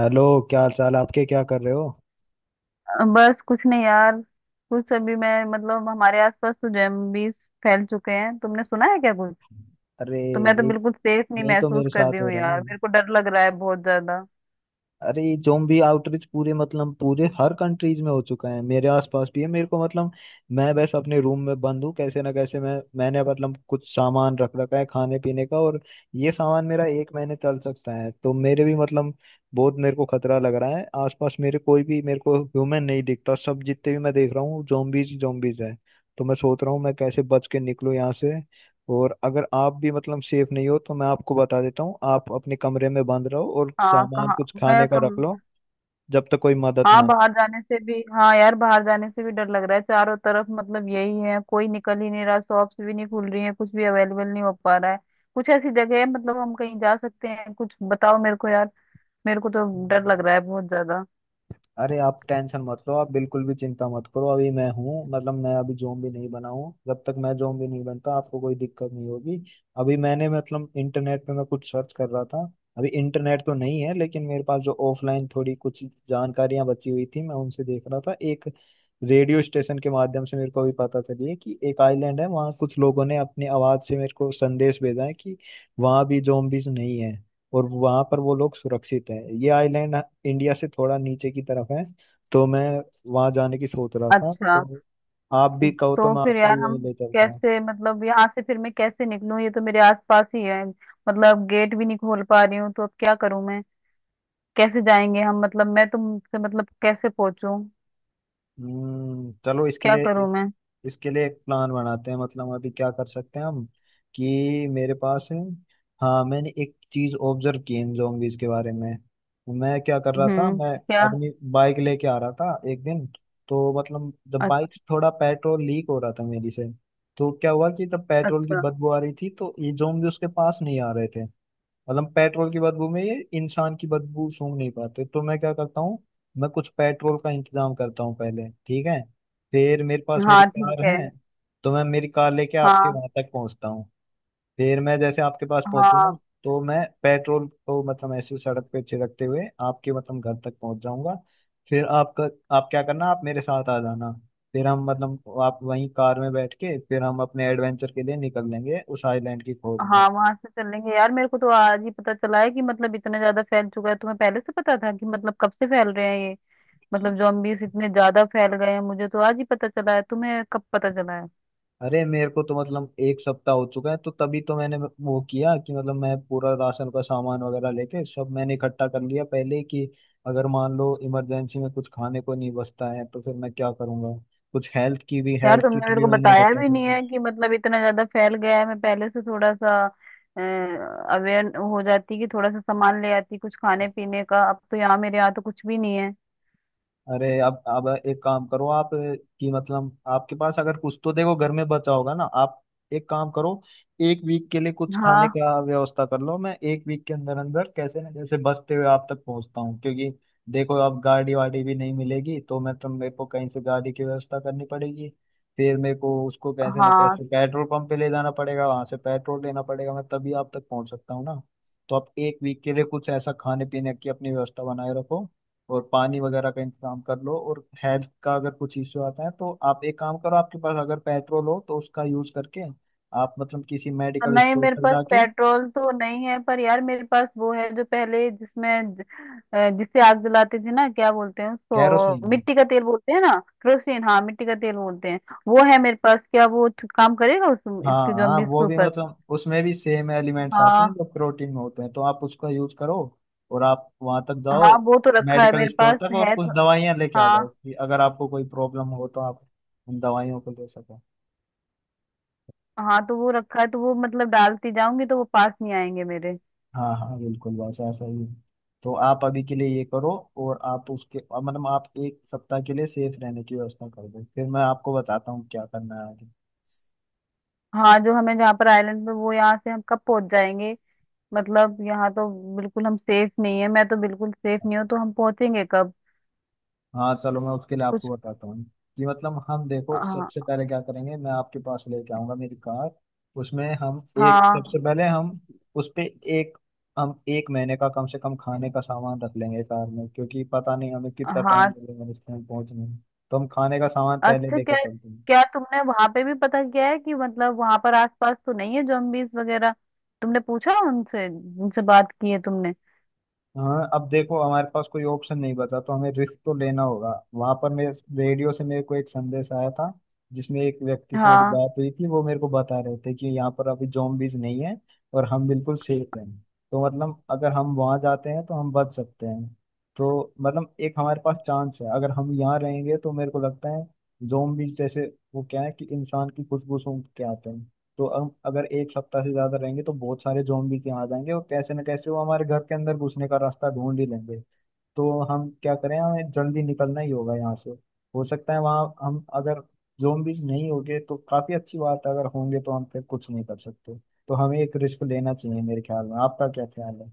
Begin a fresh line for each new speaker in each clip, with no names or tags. Hello. क्या हाल चाल आपके? क्या कर रहे हो?
बस कुछ नहीं यार। कुछ अभी मैं मतलब हमारे आसपास तो जॉम्बीज फैल चुके हैं। तुमने सुना है क्या कुछ?
अरे,
तो मैं तो
यही
बिल्कुल सेफ नहीं
यही तो
महसूस
मेरे
कर रही
साथ हो
हूँ
रहा है।
यार, मेरे को डर लग रहा है बहुत ज्यादा।
अरे, ये जोम्बी आउटरीच पूरे हर कंट्रीज में हो चुका है। मेरे आसपास भी है। मेरे को मतलब मैं बस अपने रूम में बंद हूँ। कैसे ना कैसे मैंने मतलब कुछ सामान रख रखा है खाने पीने का, और ये सामान मेरा एक महीने चल सकता है। तो मेरे भी मतलब बहुत मेरे को खतरा लग रहा है। आसपास मेरे कोई भी मेरे को ह्यूमन नहीं दिखता, सब जितने भी मैं देख रहा हूँ जोम्बीज जोम्बीज है। तो मैं सोच रहा हूँ, मैं कैसे बच के निकलूँ यहाँ से। और अगर आप भी मतलब सेफ नहीं हो, तो मैं आपको बता देता हूँ, आप अपने कमरे में बंद रहो, और
हाँ
सामान
कहाँ,
कुछ
मैं
खाने का
कम,
रख लो, जब तक कोई मदद
हाँ
ना
बाहर जाने से भी, हाँ यार बाहर जाने से भी डर लग रहा है। चारों तरफ मतलब यही है, कोई निकल ही नहीं रहा, शॉप्स भी नहीं खुल रही है, कुछ भी अवेलेबल नहीं हो पा रहा है। कुछ ऐसी जगह है मतलब हम कहीं जा सकते हैं? कुछ बताओ मेरे को यार, मेरे को
आए।
तो डर लग रहा है बहुत ज्यादा।
अरे, आप टेंशन मत लो, आप बिल्कुल भी चिंता मत करो। अभी मैं हूँ मतलब मैं अभी ज़ॉम्बी नहीं बना हूँ। जब तक मैं ज़ॉम्बी नहीं बनता, आपको कोई दिक्कत नहीं होगी। अभी मैंने मतलब इंटरनेट पे मैं कुछ सर्च कर रहा था। अभी इंटरनेट तो नहीं है, लेकिन मेरे पास जो ऑफलाइन थोड़ी कुछ जानकारियां बची हुई थी, मैं उनसे देख रहा था। एक रेडियो स्टेशन के माध्यम से मेरे को भी पता चली है कि एक आइलैंड है। वहाँ कुछ लोगों ने अपनी आवाज़ से मेरे को संदेश भेजा है कि वहाँ भी ज़ॉम्बीज नहीं है, और वहां पर वो लोग सुरक्षित हैं। ये आइलैंड इंडिया से थोड़ा नीचे की तरफ है। तो मैं वहां जाने की सोच रहा था।
अच्छा,
तो आप भी कहो तो
तो
मैं
फिर
आपको
यार
भी
हम
वहीं ले चलता हूँ।
कैसे, मतलब यहाँ से फिर मैं कैसे निकलूं? ये तो मेरे आसपास ही है, मतलब गेट भी नहीं खोल पा रही हूँ। तो अब क्या करूं मैं, कैसे जाएंगे हम, मतलब मैं तुमसे मतलब कैसे पहुंचूं?
हम्म, चलो, इसके
क्या
लिए
करूं मैं?
इसके लिए एक प्लान बनाते हैं। मतलब अभी क्या कर सकते हैं हम? कि मेरे पास है, हाँ, मैंने एक चीज ऑब्जर्व की इन zombies के बारे में। मैं क्या कर रहा था,
हम्म,
मैं
क्या?
अपनी बाइक लेके आ रहा था एक दिन। तो मतलब जब
अच-
बाइक थोड़ा पेट्रोल लीक हो रहा था मेरी से, तो क्या हुआ कि जब पेट्रोल की
अच्छा।
बदबू आ रही थी, तो ये जोम्बी उसके पास नहीं आ रहे थे। मतलब पेट्रोल की बदबू में ये इंसान की बदबू सूंघ नहीं पाते। तो मैं क्या करता हूँ, मैं कुछ पेट्रोल का इंतजाम करता हूँ पहले, ठीक है? फिर मेरे पास मेरी
हाँ ठीक
कार
है।
है। तो मैं मेरी कार लेके आपके
हाँ।
वहां तक पहुंचता हूँ। फिर मैं जैसे आपके पास
हाँ।
पहुंचूंगा, तो मैं पेट्रोल को मतलब ऐसे सड़क पे छिड़कते हुए आपके मतलब घर तक पहुंच जाऊंगा। फिर आपका आप क्या करना, आप मेरे साथ आ जाना। फिर हम मतलब आप वहीं कार में बैठ के, फिर हम अपने एडवेंचर के लिए निकल लेंगे उस आइलैंड की खोज में।
हाँ वहां से चलेंगे यार। मेरे को तो आज ही पता चला है कि मतलब इतना ज्यादा फैल चुका है। तुम्हें पहले से पता था कि मतलब कब से फैल रहे हैं ये? मतलब zombies इतने ज्यादा फैल गए हैं, मुझे तो आज ही पता चला है। तुम्हें कब पता चला है?
अरे, मेरे को तो मतलब एक सप्ताह हो चुका है। तो तभी तो मैंने वो किया कि मतलब मैं पूरा राशन का सामान वगैरह लेके सब मैंने इकट्ठा कर लिया पहले ही, कि अगर मान लो इमरजेंसी में कुछ खाने को नहीं बचता है, तो फिर मैं क्या करूंगा। कुछ
यार
हेल्थ
तुमने
किट
मेरे
भी
को
मैंने
बताया
इकट्ठा
भी
कर।
नहीं है कि मतलब इतना ज्यादा फैल गया है। मैं पहले से थोड़ा सा अवेयर हो जाती, कि थोड़ा सा सामान ले आती कुछ खाने पीने का। अब तो यहाँ, मेरे यहाँ तो कुछ भी नहीं है।
अरे अब एक काम करो आप, कि मतलब आपके पास अगर कुछ तो देखो घर में बचा होगा ना। आप एक काम करो, एक वीक के लिए कुछ खाने
हाँ।
का व्यवस्था कर लो। मैं एक वीक के अंदर अंदर कैसे ना कैसे बचते हुए आप तक पहुंचता हूँ, क्योंकि देखो अब गाड़ी वाड़ी भी नहीं मिलेगी, तो मैं तो मेरे को कहीं से गाड़ी की व्यवस्था करनी पड़ेगी। फिर मेरे को उसको कैसे ना
हाँ
कैसे पेट्रोल पंप पे ले जाना पड़ेगा, वहां से पेट्रोल लेना पड़ेगा, मैं तभी आप तक पहुंच सकता हूँ ना। तो आप एक वीक के लिए कुछ ऐसा खाने पीने की अपनी व्यवस्था बनाए रखो, और पानी वगैरह का इंतजाम कर लो। और हेल्थ का अगर कुछ इश्यू आता है तो आप एक काम करो, आपके पास अगर पेट्रोल हो तो उसका यूज करके आप मतलब किसी
तो
मेडिकल
नहीं,
स्टोर
मेरे
पर
पास
जाके।
पेट्रोल तो नहीं है, पर यार मेरे पास वो है जो पहले, जिसमें जिससे आग जलाते थे ना, क्या बोलते हैं
कैरोसिन।
उसको, मिट्टी का तेल बोलते हैं ना। केरोसिन, हाँ मिट्टी का तेल बोलते हैं। वो है मेरे पास, क्या वो काम करेगा उस
हाँ
इसके
हाँ,
जॉम्बिस
वो
के
भी
ऊपर?
मतलब उसमें भी सेम एलिमेंट्स आते हैं
हाँ
जो प्रोटीन में होते हैं, तो आप उसका यूज करो, और आप वहां तक जाओ,
हाँ, वो तो रखा है,
मेडिकल
मेरे
स्टोर
पास
तक, और
है
कुछ
तो।
दवाइयाँ लेके आ जाओ,
हाँ।
कि अगर आपको कोई प्रॉब्लम हो तो आप उन दवाइयों को ले सको।
हाँ तो वो रखा है, तो वो मतलब डालती जाऊंगी तो वो पास नहीं आएंगे मेरे।
हाँ हाँ, बिल्कुल, बस ऐसा ही है। तो आप अभी के लिए ये करो, और आप उसके अब मतलब आप एक सप्ताह के लिए सेफ रहने की व्यवस्था कर दो। फिर मैं आपको बताता हूँ क्या करना है आगे।
हाँ, जो हमें, जहाँ पर आइलैंड पे, वो यहाँ से हम कब पहुंच जाएंगे? मतलब यहाँ तो बिल्कुल हम सेफ नहीं है, मैं तो बिल्कुल सेफ नहीं हूँ। तो हम पहुंचेंगे कब?
हाँ, चलो, मैं उसके लिए आपको
कुछ।
बताता हूँ कि मतलब हम देखो
हाँ।
सबसे पहले क्या करेंगे। मैं आपके पास लेके आऊंगा मेरी कार। उसमें हम एक
हाँ।
सबसे पहले हम उस पे एक हम एक महीने का कम से कम खाने का सामान रख लेंगे कार में, क्योंकि पता नहीं हमें कितना टाइम
हाँ
लगेगा रेस्टोरेंट पहुंचने में। तो हम खाने का सामान पहले
अच्छा,
लेके
क्या,
चलते हैं।
क्या तुमने वहां पे भी पता किया है कि मतलब वहां पर आसपास तो नहीं है जॉम्बीज वगैरह? तुमने पूछा उनसे, उनसे बात की है तुमने?
हाँ, अब देखो हमारे पास कोई ऑप्शन नहीं बचा, तो हमें रिस्क तो लेना होगा। वहां पर मैं रेडियो से मेरे को एक संदेश आया था, जिसमें एक व्यक्ति से मेरी
हाँ
बात हुई थी, वो मेरे को बता रहे थे कि यहाँ पर अभी zombies नहीं है, और हम बिल्कुल सेफ हैं। तो मतलब अगर हम वहां जाते हैं तो हम बच सकते हैं। तो मतलब एक हमारे पास चांस है। अगर हम यहाँ रहेंगे तो मेरे को लगता है zombies जैसे, वो क्या है कि इंसान की खुशबू सूंघ के आते हैं। तो अब अगर एक सप्ताह से ज्यादा रहेंगे तो बहुत सारे जोम्बी के यहाँ जाएंगे, और कैसे न कैसे वो हमारे घर के अंदर घुसने का रास्ता ढूंढ ही लेंगे। तो हम क्या करें, हमें जल्दी निकलना ही होगा यहाँ से। हो सकता है वहाँ हम अगर जोम्बीज नहीं होंगे तो काफी अच्छी बात है, अगर होंगे तो हम फिर कुछ नहीं कर सकते। तो हमें एक रिस्क लेना चाहिए मेरे ख्याल में। आपका क्या ख्याल है?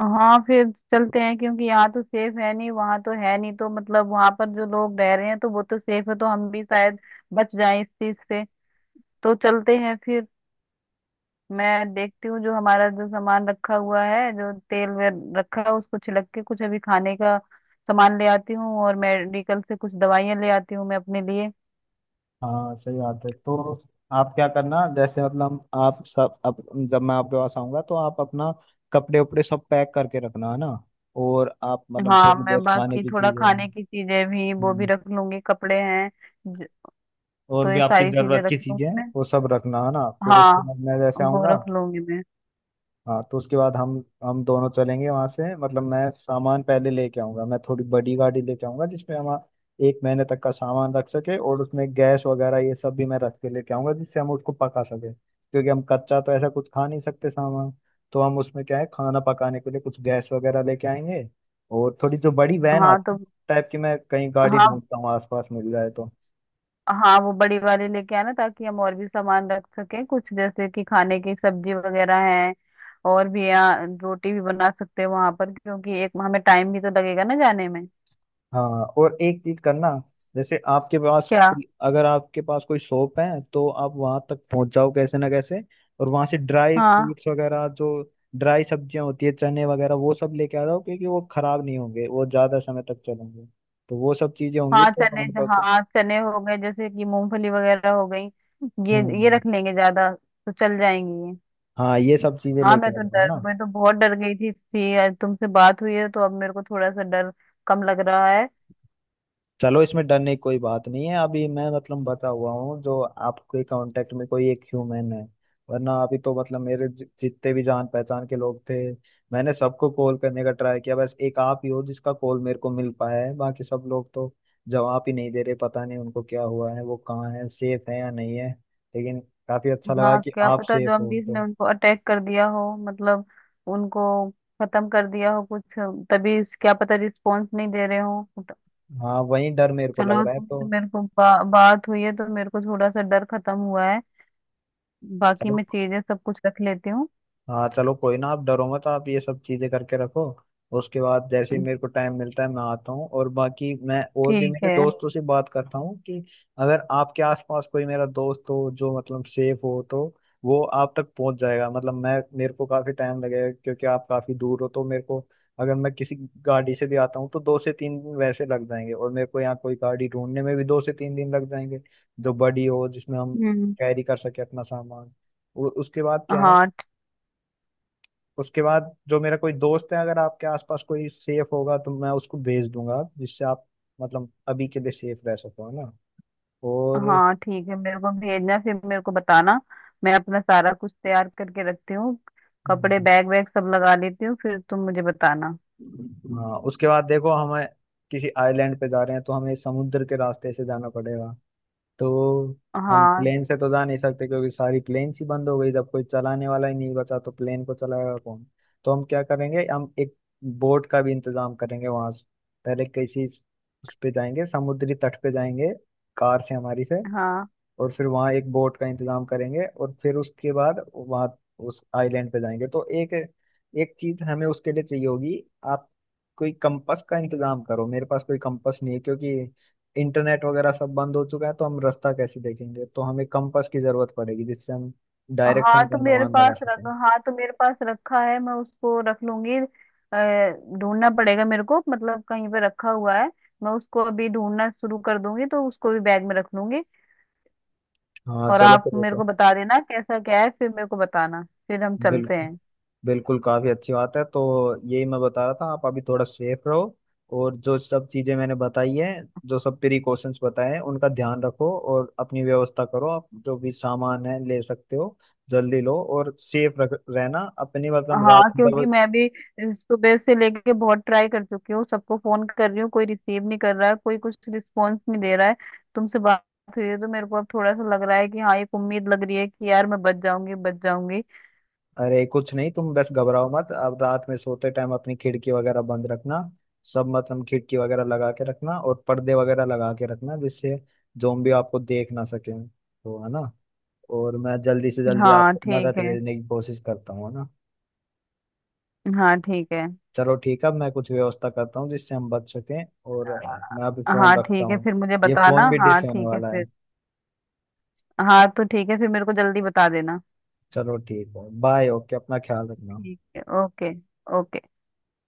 हाँ फिर चलते हैं, क्योंकि यहाँ तो सेफ है नहीं, वहाँ तो है नहीं, तो मतलब वहाँ पर जो लोग रह रहे हैं तो वो तो सेफ है, तो हम भी शायद बच जाएं इस चीज से। तो चलते हैं फिर। मैं देखती हूँ, जो हमारा जो सामान रखा हुआ है, जो तेल वेल रखा है उसको छिलक के, कुछ अभी खाने का सामान ले आती हूँ, और मेडिकल से कुछ दवाइयाँ ले आती हूँ मैं अपने लिए।
हाँ, सही बात है। तो आप क्या करना, जैसे मतलब आप सब अब जब मैं आपके पास आऊंगा तो आप अपना कपड़े उपड़े सब पैक करके रखना, है ना? और आप मतलब
हाँ
थोड़ी
मैं
बहुत खाने
बाकी
की
थोड़ा
चीजें,
खाने की चीजें भी, वो भी
हम्म,
रख लूंगी, कपड़े हैं। ज-
और
तो
भी
ये
आपकी
सारी चीजें
जरूरत
रख
की चीजें
लूंगी
हैं,
मैं।
वो सब रखना, है ना? फिर उसके
हाँ
बाद मैं जैसे
वो
आऊंगा,
रख लूंगी मैं।
हाँ, तो उसके बाद हम दोनों चलेंगे वहां से। मतलब मैं सामान पहले लेके आऊंगा, मैं थोड़ी बड़ी गाड़ी लेके आऊंगा जिसमें हम एक महीने तक का सामान रख सके, और उसमें गैस वगैरह ये सब भी मैं रख के लेके आऊंगा, जिससे हम उसको पका सके, क्योंकि हम कच्चा तो ऐसा कुछ खा नहीं सकते सामान। तो हम उसमें क्या है, खाना पकाने के लिए कुछ गैस वगैरह लेके आएंगे, और थोड़ी जो बड़ी वैन
हाँ
आती
तो।
है टाइप की, मैं कहीं गाड़ी
हाँ।
ढूंढता हूँ आसपास मिल जाए तो।
हाँ वो बड़ी वाली लेके आना ताकि हम और भी सामान रख सकें, कुछ जैसे कि खाने की सब्जी वगैरह है, और भी यहाँ। रोटी भी बना सकते हैं वहां पर, क्योंकि एक हमें टाइम भी तो लगेगा ना जाने में।
हाँ, और एक चीज करना, जैसे आपके पास
क्या?
कोई अगर आपके पास कोई शॉप है तो आप वहां तक पहुंच जाओ कैसे ना कैसे, और वहां से ड्राई
हाँ।
फ्रूट्स वगैरह, जो ड्राई सब्जियां होती है, चने वगैरह, वो सब लेके आ जाओ, क्योंकि वो खराब नहीं होंगे, वो ज्यादा समय तक चलेंगे। तो वो सब चीजें होंगी
हाँ
तो
चने,
हमारे पास।
हाँ चने हो गए, जैसे कि मूंगफली वगैरह हो गई, ये
हम्म,
रख लेंगे, ज्यादा तो चल जाएंगी ये।
हाँ, ये सब चीजें
हाँ
लेके
मैं
आ
तो
जाओ
डर,
ना।
मैं तो बहुत डर गई थी, आज तुमसे बात हुई है तो अब मेरे को थोड़ा सा डर कम लग रहा है।
चलो, इसमें डरने की कोई बात नहीं है, अभी मैं मतलब बता हुआ हूँ, जो आपके कांटेक्ट में कोई एक ह्यूमन है। वरना अभी तो मतलब मेरे जितने भी जान पहचान के लोग थे, मैंने सबको कॉल करने का ट्राई किया। बस एक आप ही हो जिसका कॉल मेरे को मिल पाया है, बाकी सब लोग तो जवाब ही नहीं दे रहे, पता नहीं उनको क्या हुआ है, वो कहाँ है, सेफ है या नहीं है। लेकिन काफी अच्छा लगा
हाँ
कि
क्या
आप
पता,
सेफ हो
जॉम्बीज ने
तो।
उनको अटैक कर दिया हो, मतलब उनको खत्म कर दिया हो कुछ। तभी, क्या पता रिस्पांस नहीं दे रहे हो।
हाँ, वही डर मेरे को लग
चलो
रहा है
तुमसे
तो।
मेरे को बा, बात हुई है तो मेरे को थोड़ा सा डर खत्म हुआ है। बाकी मैं चीजें सब कुछ रख लेती हूँ।
हाँ, चलो, कोई ना, आप डरो मत, आप ये सब चीजें करके रखो। उसके बाद जैसे ही मेरे को टाइम मिलता है मैं आता हूँ, और बाकी मैं और भी
ठीक
मेरे
है।
दोस्तों से बात करता हूँ कि अगर आपके आसपास कोई मेरा दोस्त हो जो मतलब सेफ हो, तो वो आप तक पहुंच जाएगा। मतलब मैं मेरे को काफी टाइम लगेगा, क्योंकि आप काफी दूर हो, तो मेरे को अगर मैं किसी गाड़ी से भी आता हूँ तो 2 से 3 दिन वैसे लग जाएंगे, और मेरे को यहाँ कोई गाड़ी ढूंढने में भी 2 से 3 दिन लग जाएंगे, जो बड़ी हो, जिसमें हम
हम्म।
कैरी कर सके अपना सामान। और उसके बाद क्या है,
हाँ ठ-
उसके बाद जो मेरा कोई दोस्त है, अगर आपके आसपास कोई सेफ होगा तो मैं उसको भेज दूंगा, जिससे आप मतलब अभी के लिए सेफ रह सको, है ना? और
हाँ ठीक है, मेरे को भेजना, फिर मेरे को बताना। मैं अपना सारा कुछ तैयार करके रखती हूँ, कपड़े बैग वैग सब लगा लेती हूँ, फिर तुम मुझे बताना।
हाँ, उसके बाद देखो, हमें किसी आइलैंड पे जा रहे हैं तो हमें समुद्र के रास्ते से जाना पड़ेगा। तो हम
हाँ।
प्लेन से तो जा नहीं सकते, क्योंकि सारी प्लेन्स ही बंद हो गई, जब कोई चलाने वाला ही नहीं बचा तो प्लेन को चलाएगा कौन। तो हम क्या करेंगे, हम एक बोट का भी इंतजाम करेंगे वहां से। पहले किसी उस पे जाएंगे, समुद्री तट पे जाएंगे कार से हमारी से,
हाँ।
और फिर वहाँ एक बोट का इंतजाम करेंगे, और फिर उसके बाद वहाँ उस आइलैंड पे जाएंगे। तो एक एक चीज हमें उसके लिए चाहिए होगी। आप कोई कंपास का इंतजाम करो, मेरे पास कोई कंपास नहीं है, क्योंकि इंटरनेट वगैरह सब बंद हो चुका है, तो हम रास्ता कैसे देखेंगे। तो हमें कंपास की जरूरत पड़ेगी, जिससे हम
हाँ
डायरेक्शन का
तो मेरे
अनुमान लगा
पास रख
सकें।
हाँ तो मेरे पास रखा है, मैं उसको रख लूंगी। अ, ढूंढना पड़ेगा मेरे को, मतलब कहीं पे रखा हुआ है, मैं उसको अभी ढूंढना शुरू कर दूंगी, तो उसको भी बैग में रख लूंगी।
हाँ,
और
चलो,
आप
फिर वो
मेरे
तो,
को बता देना कैसा क्या है, फिर मेरे को बताना। फिर हम चलते
बिल्कुल
हैं।
बिल्कुल, काफी अच्छी बात है। तो यही मैं बता रहा था, आप अभी थोड़ा सेफ रहो, और जो सब चीजें मैंने बताई है, जो सब प्रिकॉशंस बताए हैं, उनका ध्यान रखो, और अपनी व्यवस्था करो, आप जो भी सामान है ले सकते हो, जल्दी लो, और सेफ रख रहना अपनी मतलब
हाँ
रात
क्योंकि
दब।
मैं भी सुबह से लेके बहुत ट्राई कर चुकी हूँ, सबको फोन कर रही हूँ, कोई रिसीव नहीं कर रहा है, कोई कुछ रिस्पॉन्स नहीं दे रहा है। तुमसे बात हुई है तो मेरे को अब थोड़ा सा लग रहा है कि हाँ, एक उम्मीद लग रही है कि यार मैं बच जाऊंगी, बच जाऊंगी।
अरे, कुछ नहीं, तुम बस घबराओ मत, अब रात में सोते टाइम अपनी खिड़की वगैरह बंद रखना। सब मतलब खिड़की वगैरह लगा के रखना और पर्दे वगैरह लगा के रखना, जिससे जोम्बी आपको देख ना सके, तो है ना? और मैं जल्दी से जल्दी
हाँ
आपको
ठीक
मदद
है।
भेजने की कोशिश करता हूँ, है ना?
हाँ ठीक है।
चलो, ठीक है, अब मैं कुछ व्यवस्था करता हूँ जिससे हम बच सकें, और मैं अभी फोन
हाँ
रखता
ठीक है
हूँ।
फिर मुझे
ये
बताना।
फोन भी डिस
हाँ
होने
ठीक है
वाला है।
फिर। हाँ तो ठीक है, फिर मेरे को जल्दी बता देना।
चलो ठीक है, बाय, ओके, अपना ख्याल रखना।
ठीक है, ओके। ओके।